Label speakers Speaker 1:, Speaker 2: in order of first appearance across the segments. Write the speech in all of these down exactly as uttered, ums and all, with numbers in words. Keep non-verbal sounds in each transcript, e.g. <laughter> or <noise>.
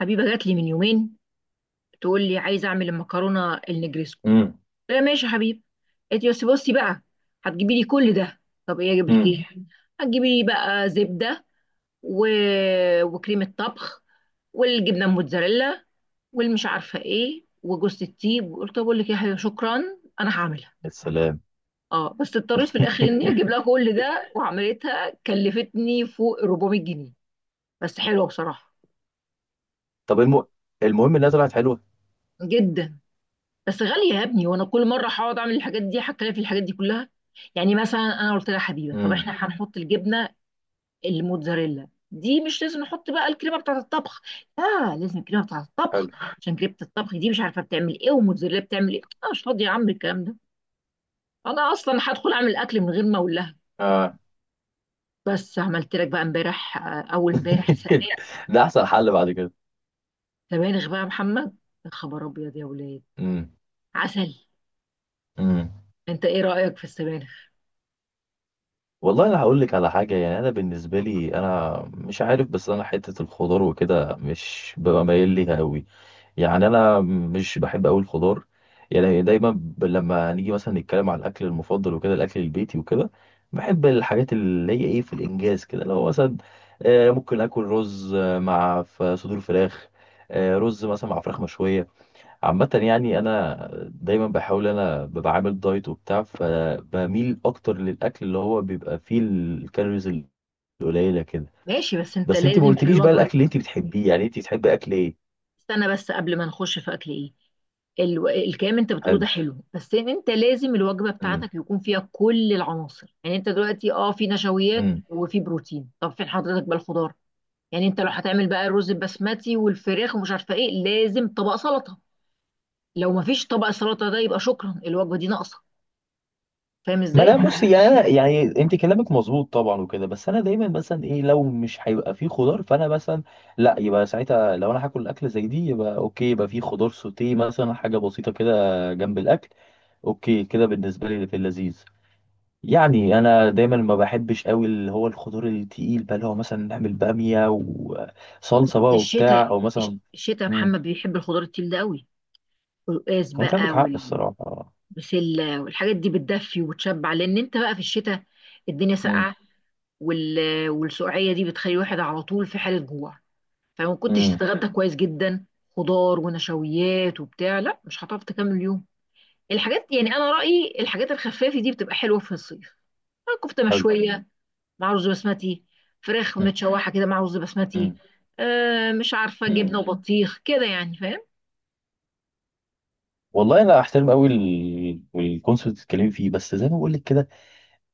Speaker 1: حبيبه جات لي من يومين، تقول لي عايزه اعمل المكرونه النجريسكو.
Speaker 2: امم.
Speaker 1: قلت لها ماشي يا حبيبي. قالت لي بس بصي بقى، هتجيبي لي كل ده؟ طب ايه اجيب لك
Speaker 2: امم.
Speaker 1: ايه؟ هتجيبي لي بقى زبده و... وكريمه طبخ، والجبنه الموتزاريلا، والمش عارفه ايه وجوز الطيب. قلت طب اقول لك ايه يا حبيبي، شكرا انا هعملها.
Speaker 2: يا سلام.
Speaker 1: اه، بس اضطريت في الاخر اني اجيب
Speaker 2: <laughs>
Speaker 1: لها كل ده، وعملتها كلفتني فوق أربعمية جنيه. بس حلوه بصراحه،
Speaker 2: طب الم... المهم انها طلعت حلوه.
Speaker 1: جدا. بس غالية يا ابني، وانا كل مرة هقعد اعمل الحاجات دي هتكلف في الحاجات دي كلها. يعني مثلا انا قلت لها حبيبة، طب
Speaker 2: امم.
Speaker 1: احنا هنحط الجبنة الموتزاريلا دي، مش لازم نحط بقى الكريمة بتاعة الطبخ؟ لا، لازم الكريمة بتاعة الطبخ.
Speaker 2: حلو.
Speaker 1: عشان كريمة الطبخ دي مش عارفة بتعمل ايه والموتزاريلا بتعمل ايه، انا مش فاضية يا عم الكلام ده. انا اصلا هدخل اعمل اكل من غير ما اقول لها.
Speaker 2: اه.
Speaker 1: بس عملت لك بقى امبارح، آه، اول امبارح،
Speaker 2: <laughs>
Speaker 1: سبانخ.
Speaker 2: ده احسن حل بعد كده.
Speaker 1: سبانخ بقى يا محمد، يا خبر ابيض يا ولاد.
Speaker 2: امم.
Speaker 1: عسل.
Speaker 2: امم.
Speaker 1: انت ايه رأيك في السبانخ؟
Speaker 2: والله انا هقول لك على حاجه، يعني انا بالنسبه لي انا مش عارف، بس انا حته الخضار وكده مش ببقى مايل ليها قوي. يعني انا مش بحب قوي الخضار. يعني دايما ب- لما نيجي مثلا نتكلم على الاكل المفضل وكده الاكل البيتي وكده، بحب الحاجات اللي هي ايه في الانجاز كده، لو مثلا آه، ممكن اكل رز آه، مع ف- صدور فراخ، آه، رز مثلا مع فراخ مشويه. عامه يعني انا دايما بحاول، انا ببقى عامل دايت وبتاع فبميل اكتر للاكل اللي هو بيبقى فيه الكالوريز القليله كده.
Speaker 1: ماشي، بس انت
Speaker 2: بس انت ما
Speaker 1: لازم في
Speaker 2: قلتليش بقى
Speaker 1: الوجبة.
Speaker 2: الاكل اللي انت بتحبيه، يعني انت بتحبي اكل ايه؟
Speaker 1: استنى بس قبل ما نخش في اكل ايه. الو... الكلام انت بتقوله ده
Speaker 2: حلو.
Speaker 1: حلو، بس انت لازم الوجبه
Speaker 2: امم.
Speaker 1: بتاعتك يكون فيها كل العناصر. يعني انت دلوقتي اه في نشويات
Speaker 2: إمم.
Speaker 1: وفي بروتين، طب فين حضرتك بقى الخضار؟ يعني انت لو هتعمل بقى الرز البسمتي والفراخ ومش عارفه ايه، لازم طبق سلطه. لو ما فيش طبق سلطه، ده يبقى شكرا الوجبه دي ناقصه. فاهم
Speaker 2: ما
Speaker 1: ازاي؟
Speaker 2: انا بص، يعني انا يعني انت كلامك مظبوط طبعا وكده، بس انا دايما مثلا ايه لو مش هيبقى فيه خضار فانا مثلا لا، يبقى ساعتها لو انا هاكل اكل زي دي يبقى اوكي، يبقى فيه خضار سوتيه مثلا، حاجه بسيطه كده جنب الاكل. اوكي كده بالنسبه لي في اللذيذ. يعني انا دايما ما بحبش قوي اللي هو الخضار التقيل بقى، اللي هو مثلا نعمل باميه وصلصه بقى
Speaker 1: الشتاء،
Speaker 2: وبتاع، او
Speaker 1: الش-
Speaker 2: مثلا
Speaker 1: الشتاء يا
Speaker 2: امم.
Speaker 1: محمد بيحب الخضار التقيل ده قوي. القلقاس
Speaker 2: هو انت
Speaker 1: بقى
Speaker 2: عندك حق الصراحه.
Speaker 1: والبسله والحاجات دي بتدفي وتشبع، لان انت بقى في الشتاء الدنيا
Speaker 2: امم.
Speaker 1: ساقعه، وال... والسقعيه دي بتخلي الواحد على طول في حاله جوع. فما كنتش
Speaker 2: امم.
Speaker 1: تتغدى كويس جدا خضار ونشويات وبتاع، لا مش هتعرف تكمل اليوم. الحاجات، يعني انا رايي الحاجات الخفافه دي بتبقى حلوه في الصيف. كفته
Speaker 2: حلو.
Speaker 1: مشويه مع رز بسمتي، فراخ
Speaker 2: امم.
Speaker 1: متشوحه كده مع رز بسمتي،
Speaker 2: إمم،
Speaker 1: آه مش عارفه، جبنه
Speaker 2: إمم.
Speaker 1: وبطيخ كده يعني، فاهم؟
Speaker 2: والله انا احترم قوي الكونسبت اللي بتتكلمي فيه، بس زي ما بقول لك كده.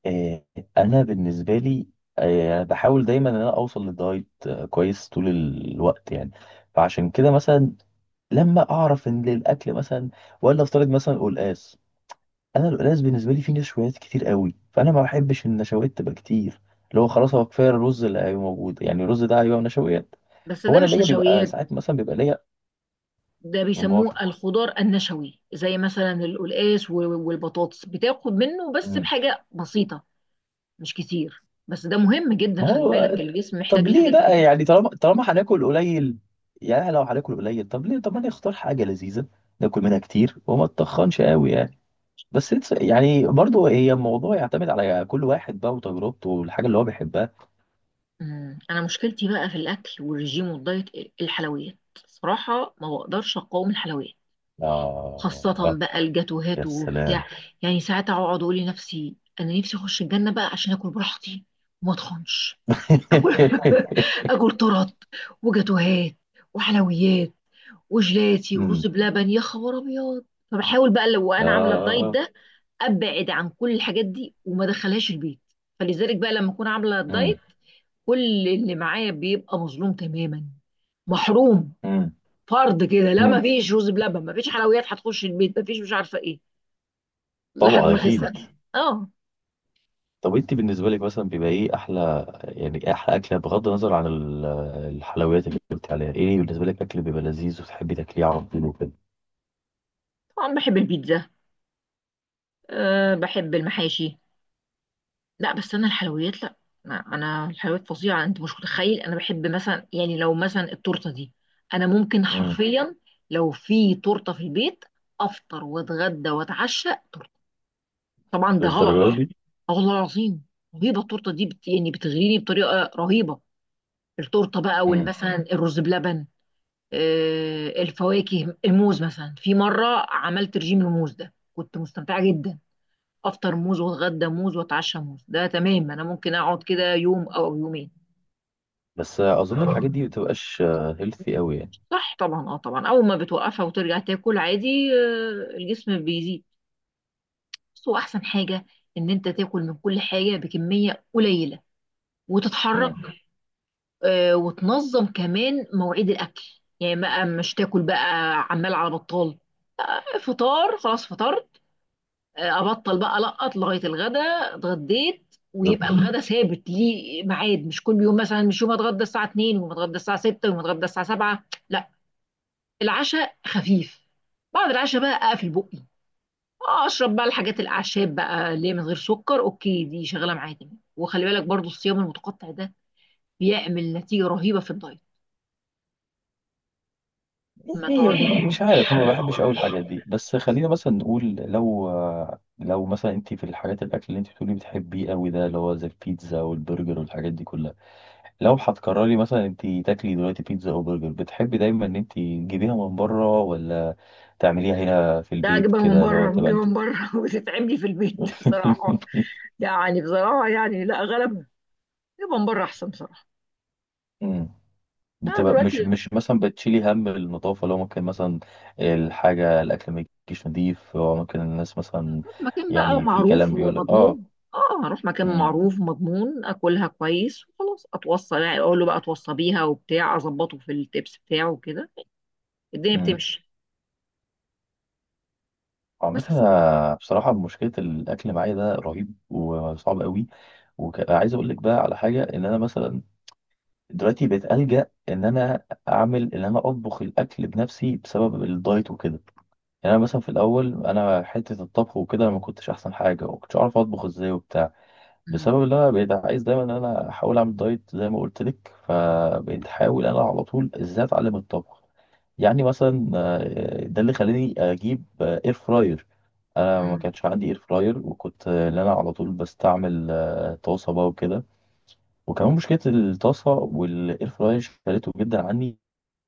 Speaker 2: آه. انا بالنسبه لي آه، بحاول دايما ان انا اوصل للدايت آه، كويس طول الوقت يعني. فعشان كده مثلا لما اعرف ان الاكل مثلا ولا افترض مثلا قلقاس، انا القلقاس بالنسبه لي فيه نشويات كتير قوي، فانا ما بحبش النشويات تبقى كتير، اللي هو خلاص هو كفايه الرز اللي هيبقى موجود، يعني الرز ده هيبقى نشويات.
Speaker 1: بس
Speaker 2: فهو
Speaker 1: ده
Speaker 2: انا
Speaker 1: مش
Speaker 2: ليا بيبقى
Speaker 1: نشويات،
Speaker 2: ساعات مثلا بيبقى ليا
Speaker 1: ده بيسموه الخضار النشوي، زي مثلا القلقاس و- والبطاطس، بتاخد منه بس
Speaker 2: امال.
Speaker 1: بحاجه بسيطه، مش كتير. بس ده مهم جدا،
Speaker 2: ما
Speaker 1: خلي
Speaker 2: هو
Speaker 1: بالك، يعني الجسم محتاج
Speaker 2: طب ليه
Speaker 1: الحاجات دي
Speaker 2: بقى؟
Speaker 1: جداً.
Speaker 2: يعني طالما طالما هناكل قليل، يعني لو هناكل قليل طب ليه، طب ما نختار حاجة لذيذة ناكل منها كتير وما تتخنش قوي يعني. بس it's- يعني برضو هي الموضوع يعتمد على كل واحد بقى وتجربته والحاجة اللي هو بيحبها.
Speaker 1: أمم، انا مشكلتي بقى في الاكل والرجيم والدايت، الحلويات. صراحة ما بقدرش اقاوم الحلويات.
Speaker 2: آه.
Speaker 1: خاصة بقى
Speaker 2: يا
Speaker 1: الجاتوهات
Speaker 2: سلام.
Speaker 1: وبتاع. يعني ساعات اقعد اقول لنفسي انا نفسي اخش الجنة بقى عشان اكل براحتي وما اتخنش. اكل <laughs>
Speaker 2: <laughs>
Speaker 1: اكل طرط، وجاتوهات، وحلويات، وجلاتي، ورز
Speaker 2: امم.
Speaker 1: بلبن، يا خبر ابيض. فبحاول بقى لو انا عامله الدايت
Speaker 2: آه.
Speaker 1: ده ابعد عن كل الحاجات دي وما ادخلهاش البيت. فلذلك بقى لما اكون عامله الدايت،
Speaker 2: امم.
Speaker 1: كل اللي معايا بيبقى مظلوم تماما، محروم.
Speaker 2: امم.
Speaker 1: فرض كده لا، ما
Speaker 2: أمم.
Speaker 1: فيش رز بلبن، ما فيش حلويات هتخش البيت، ما فيش مش عارفه ايه، لحد
Speaker 2: طبعا
Speaker 1: ما خسر.
Speaker 2: أكيد.
Speaker 1: اه،
Speaker 2: طب انت بالنسبه لك مثلا بيبقى ايه احلى، يعني ايه احلى اكله بغض النظر عن ال- الحلويات اللي قلت عليها، ايه بالنسبه لك اكل بيبقى لذيذ وتحبي تاكليه على طول وكده؟
Speaker 1: طبعا بحب البيتزا، أه بحب المحاشي. لا، بس انا الحلويات لا. ما- انا الحلويات فظيعه، انت مش متخيل. انا بحب مثلا يعني لو مثلا التورته دي، انا ممكن
Speaker 2: امم.
Speaker 1: حرفيا لو في تورته في البيت افطر واتغدى واتعشى. طبعا ده غلط.
Speaker 2: للدرجه دي؟
Speaker 1: اه والله العظيم، رهيبه التورته دي، بت... يعني بتغريني بطريقه رهيبه. التورته بقى
Speaker 2: امم.
Speaker 1: والمثلا الرز بلبن، آه الفواكه، الموز مثلا، في مره عملت رجيم الموز ده، كنت مستمتعه جدا. افطر موز واتغدى موز واتعشى موز، ده تمام، انا ممكن اقعد كده يوم او يومين.
Speaker 2: بس اظن الحاجات دي ما بتبقاش هيلثي قوي يعني.
Speaker 1: صح، طبعا، اه طبعا. اول ما بتوقفها وترجع تاكل عادي، آه، الجسم بيزيد. بس هو احسن حاجه ان انت تاكل من كل حاجه بكميه قليله وتتحرك،
Speaker 2: امم.
Speaker 1: آه، وتنظم كمان مواعيد الاكل. يعني بقى مش تاكل بقى عمال على بطال. آه، فطار خلاص فطرت، آه، ابطل بقى لقط لغايه الغدا. اتغديت،
Speaker 2: بالظبط.
Speaker 1: ويبقى الغدا ثابت ليه ميعاد، مش كل يوم مثلا، مش يوم اتغدى الساعه اثنين ويوم اتغدى الساعه ستة ويوم اتغدى الساعه سبعة. لا، العشاء خفيف. بعد العشاء بقى اقفل بقي، آه، اشرب بقى الحاجات الاعشاب بقى اللي هي من غير سكر، اوكي، دي شغاله معايا تمام. وخلي بالك برضو الصيام المتقطع ده بيعمل نتيجه رهيبه في الدايت. ما
Speaker 2: يعني
Speaker 1: تقعد.
Speaker 2: مش عارف، انا ما بحبش قوي الحاجات دي. بس خلينا مثلا نقول لو لو مثلا انت في الحاجات، الاكل اللي انت بتقولي بتحبيه قوي ده اللي هو زي البيتزا والبرجر والحاجات دي كلها، لو هتقرري مثلا انت تاكلي دلوقتي بيتزا او برجر بتحبي دايما ان انت تجيبيها من بره ولا تعمليها هنا في
Speaker 1: لا،
Speaker 2: البيت
Speaker 1: اجيبها من
Speaker 2: كده اللي هو
Speaker 1: بره،
Speaker 2: تبقى
Speaker 1: بجيبها
Speaker 2: انت.
Speaker 1: من بره <laughs> وتتعب لي في البيت
Speaker 2: <laughs>
Speaker 1: بصراحه. يعني بصراحه، يعني لا، غلب. اجيبها من بره احسن بصراحه.
Speaker 2: مم.
Speaker 1: انا
Speaker 2: بتبقى
Speaker 1: دلوقتي
Speaker 2: مش مش مثلا بتشيلي هم النظافة، لو ممكن مثلا الحاجة الأكل ما يجيش نضيف أو ممكن الناس مثلا،
Speaker 1: بشوف مكان بقى
Speaker 2: يعني في
Speaker 1: معروف
Speaker 2: كلام بيقول لك اه.
Speaker 1: ومضمون. اه، اروح مكان
Speaker 2: مم.
Speaker 1: معروف ومضمون اكلها كويس وخلاص اتوصى، يعني اقول له بقى اتوصى بيها وبتاع، اظبطه في التبس بتاعه وكده. الدنيا
Speaker 2: مم.
Speaker 1: بتمشي.
Speaker 2: عامة
Speaker 1: بس.
Speaker 2: أنا بصراحة مشكلة الأكل معايا ده رهيب وصعب قوي. وعايز أقول لك بقى على حاجة، إن أنا مثلا دلوقتي بقيت ألجأ إن أنا أعمل، إن أنا أطبخ الأكل بنفسي بسبب الدايت وكده. يعني أنا مثلا في الأول أنا حتة الطبخ وكده أنا ما كنتش أحسن حاجة وما كنتش أعرف أطبخ إزاي وبتاع،
Speaker 1: مم.
Speaker 2: بسبب إن أنا بقيت عايز دايما إن أنا أحاول أعمل دايت زي ما قلت لك، فبقيت أحاول أنا على طول إزاي أتعلم الطبخ. يعني مثلا آه، ده اللي خلاني أجيب إير فراير. أنا ما
Speaker 1: مم.
Speaker 2: كانش عندي إير فراير، وكنت آه، إن أنا على طول بستعمل آه، طاسة بقى وكده. وكمان مشكله الطاسه والاير فراير شالته جدا عني،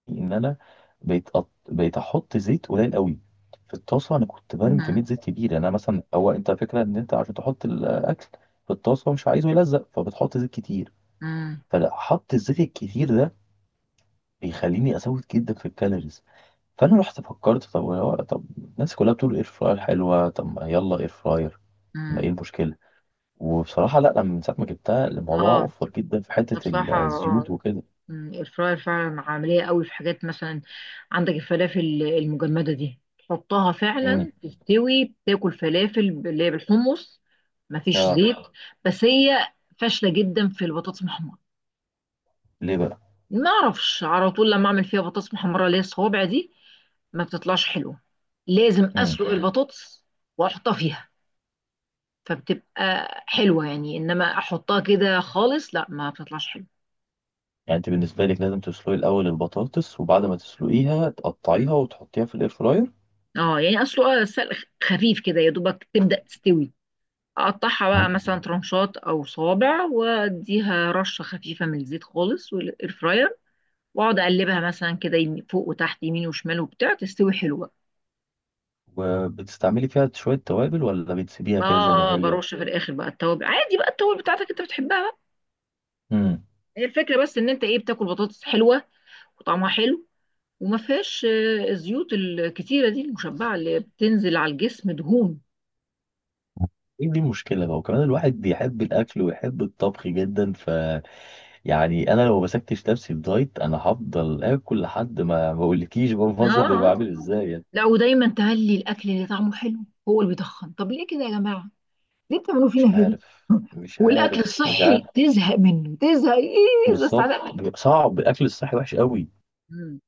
Speaker 2: ان انا بقيت أط... بقيت احط زيت قليل قوي في الطاسه. انا كنت برمي
Speaker 1: مم.
Speaker 2: كميه زيت كبيره، يعني انا مثلا هو انت فكره ان انت عشان تحط الاكل في الطاسه مش عايزه يلزق فبتحط زيت كتير،
Speaker 1: مم.
Speaker 2: فحط الزيت الكتير ده بيخليني ازود جدا في الكالوريز. فانا رحت فكرت طب هو- طب الناس كلها بتقول اير فراير حلوه، طب ما يلا اير فراير، ما
Speaker 1: مم.
Speaker 2: ايه المشكله. وبصراحه لا، لما من ساعه ما جبتها الموضوع
Speaker 1: اه،
Speaker 2: وفر جدا في حته
Speaker 1: ده بصراحه
Speaker 2: الزيوت
Speaker 1: آه.
Speaker 2: وكده.
Speaker 1: الفراير فعلا عملية قوي في حاجات، مثلا عندك الفلافل المجمدة دي تحطها فعلا تستوي، تاكل فلافل اللي هي بالحمص مفيش
Speaker 2: اه.
Speaker 1: زيت. بس هي فاشلة جدا في البطاطس المحمرة.
Speaker 2: ليه بقى؟
Speaker 1: ما اعرفش، على طول لما اعمل فيها بطاطس محمرة اللي هي الصوابع دي ما بتطلعش حلوة. لازم
Speaker 2: امم.
Speaker 1: اسلق مم. البطاطس واحطها فيها، فبتبقى حلوة. يعني انما احطها كده خالص لا ما بتطلعش حلوة.
Speaker 2: يعني انت بالنسبه لك لازم تسلقي الاول البطاطس وبعد ما تسلقيها
Speaker 1: مم.
Speaker 2: تقطعيها وتحطيها في الاير فراير؟
Speaker 1: اه، يعني اصله سلق خفيف كده يا دوبك تبدأ تستوي، اقطعها بقى
Speaker 2: مم.
Speaker 1: مثلا ترنشات او صوابع، واديها رشه خفيفه من الزيت خالص والاير فراير، واقعد اقلبها مثلا كده، يمين- فوق وتحت، يمين وشمال وبتاع، تستوي حلوه.
Speaker 2: وبتستعملي فيها شويه توابل ولا بتسيبيها كده زي ما
Speaker 1: اه،
Speaker 2: هي؟
Speaker 1: برش في الاخر بقى التوابل، عادي بقى التوابل بتاعتك انت بتحبها بقى.
Speaker 2: امم.
Speaker 1: هي الفكره بس ان انت ايه، بتاكل بطاطس حلوه وطعمها حلو وما فيهاش آه، الزيوت الكتيره دي المشبعه اللي بتنزل على الجسم دهون.
Speaker 2: ايه دي المشكله بقى، وكمان الواحد بيحب الاكل ويحب الطبخ جدا ف، يعني انا لو مسكتش نفسي في دايت انا هفضل اكل لحد ما ما اقولكيش بقى
Speaker 1: اه،
Speaker 2: المنظر <laughs> بيبقى
Speaker 1: آه.
Speaker 2: عامل ازاي يعني.
Speaker 1: لا، ودايما تهلي الاكل اللي طعمه حلو هو اللي بيتخن. طب ليه كده يا جماعه، ليه بتعملوا
Speaker 2: مش
Speaker 1: فينا كده؟
Speaker 2: عارف مش
Speaker 1: والاكل
Speaker 2: عارف مش
Speaker 1: الصحي
Speaker 2: عارف.
Speaker 1: تزهق منه، تزهق ايه بس
Speaker 2: بالظبط
Speaker 1: على منه.
Speaker 2: بيبقى صعب، الاكل الصحي وحش قوي.
Speaker 1: مم.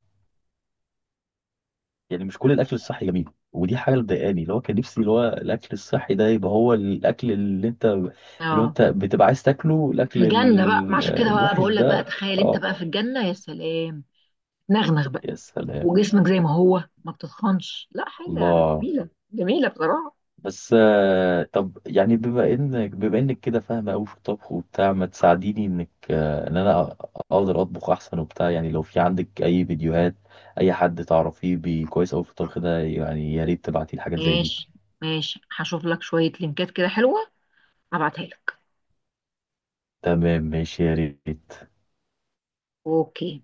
Speaker 2: يعني مش كل الاكل
Speaker 1: عايش.
Speaker 2: الصحي جميل، ودي حاجه اللي مضايقاني، اللي هو كان نفسي اللي هو الاكل الصحي ده يبقى هو الاكل اللي انت اللي هو
Speaker 1: اه،
Speaker 2: انت بتبقى عايز تاكله،
Speaker 1: في
Speaker 2: الاكل
Speaker 1: الجنه بقى، ما
Speaker 2: ال-
Speaker 1: عشان كده بقى
Speaker 2: الوحش
Speaker 1: بقول لك بقى،
Speaker 2: ده
Speaker 1: تخيل انت
Speaker 2: اه.
Speaker 1: بقى في الجنه يا سلام. نغنغ بقى
Speaker 2: يا سلام.
Speaker 1: وجسمك زي ما هو ما بتتخنش، لا حاجه
Speaker 2: الله.
Speaker 1: جميله، جميله بصراحه.
Speaker 2: بس آه، طب يعني بما انك بما انك كده فاهمه قوي في الطبخ وبتاع، ما تساعديني انك آه، ان انا اقدر اطبخ احسن وبتاع، يعني لو في عندك اي فيديوهات اي حد تعرفيه بي- كويس قوي في الطبخ ده، يعني يا ريت تبعتي لي حاجات زي دي.
Speaker 1: ماشي، ماشي هشوف لك شويه لينكات كده حلوه، هبعتها لك.
Speaker 2: تمام ماشي يا ريت.
Speaker 1: اوكي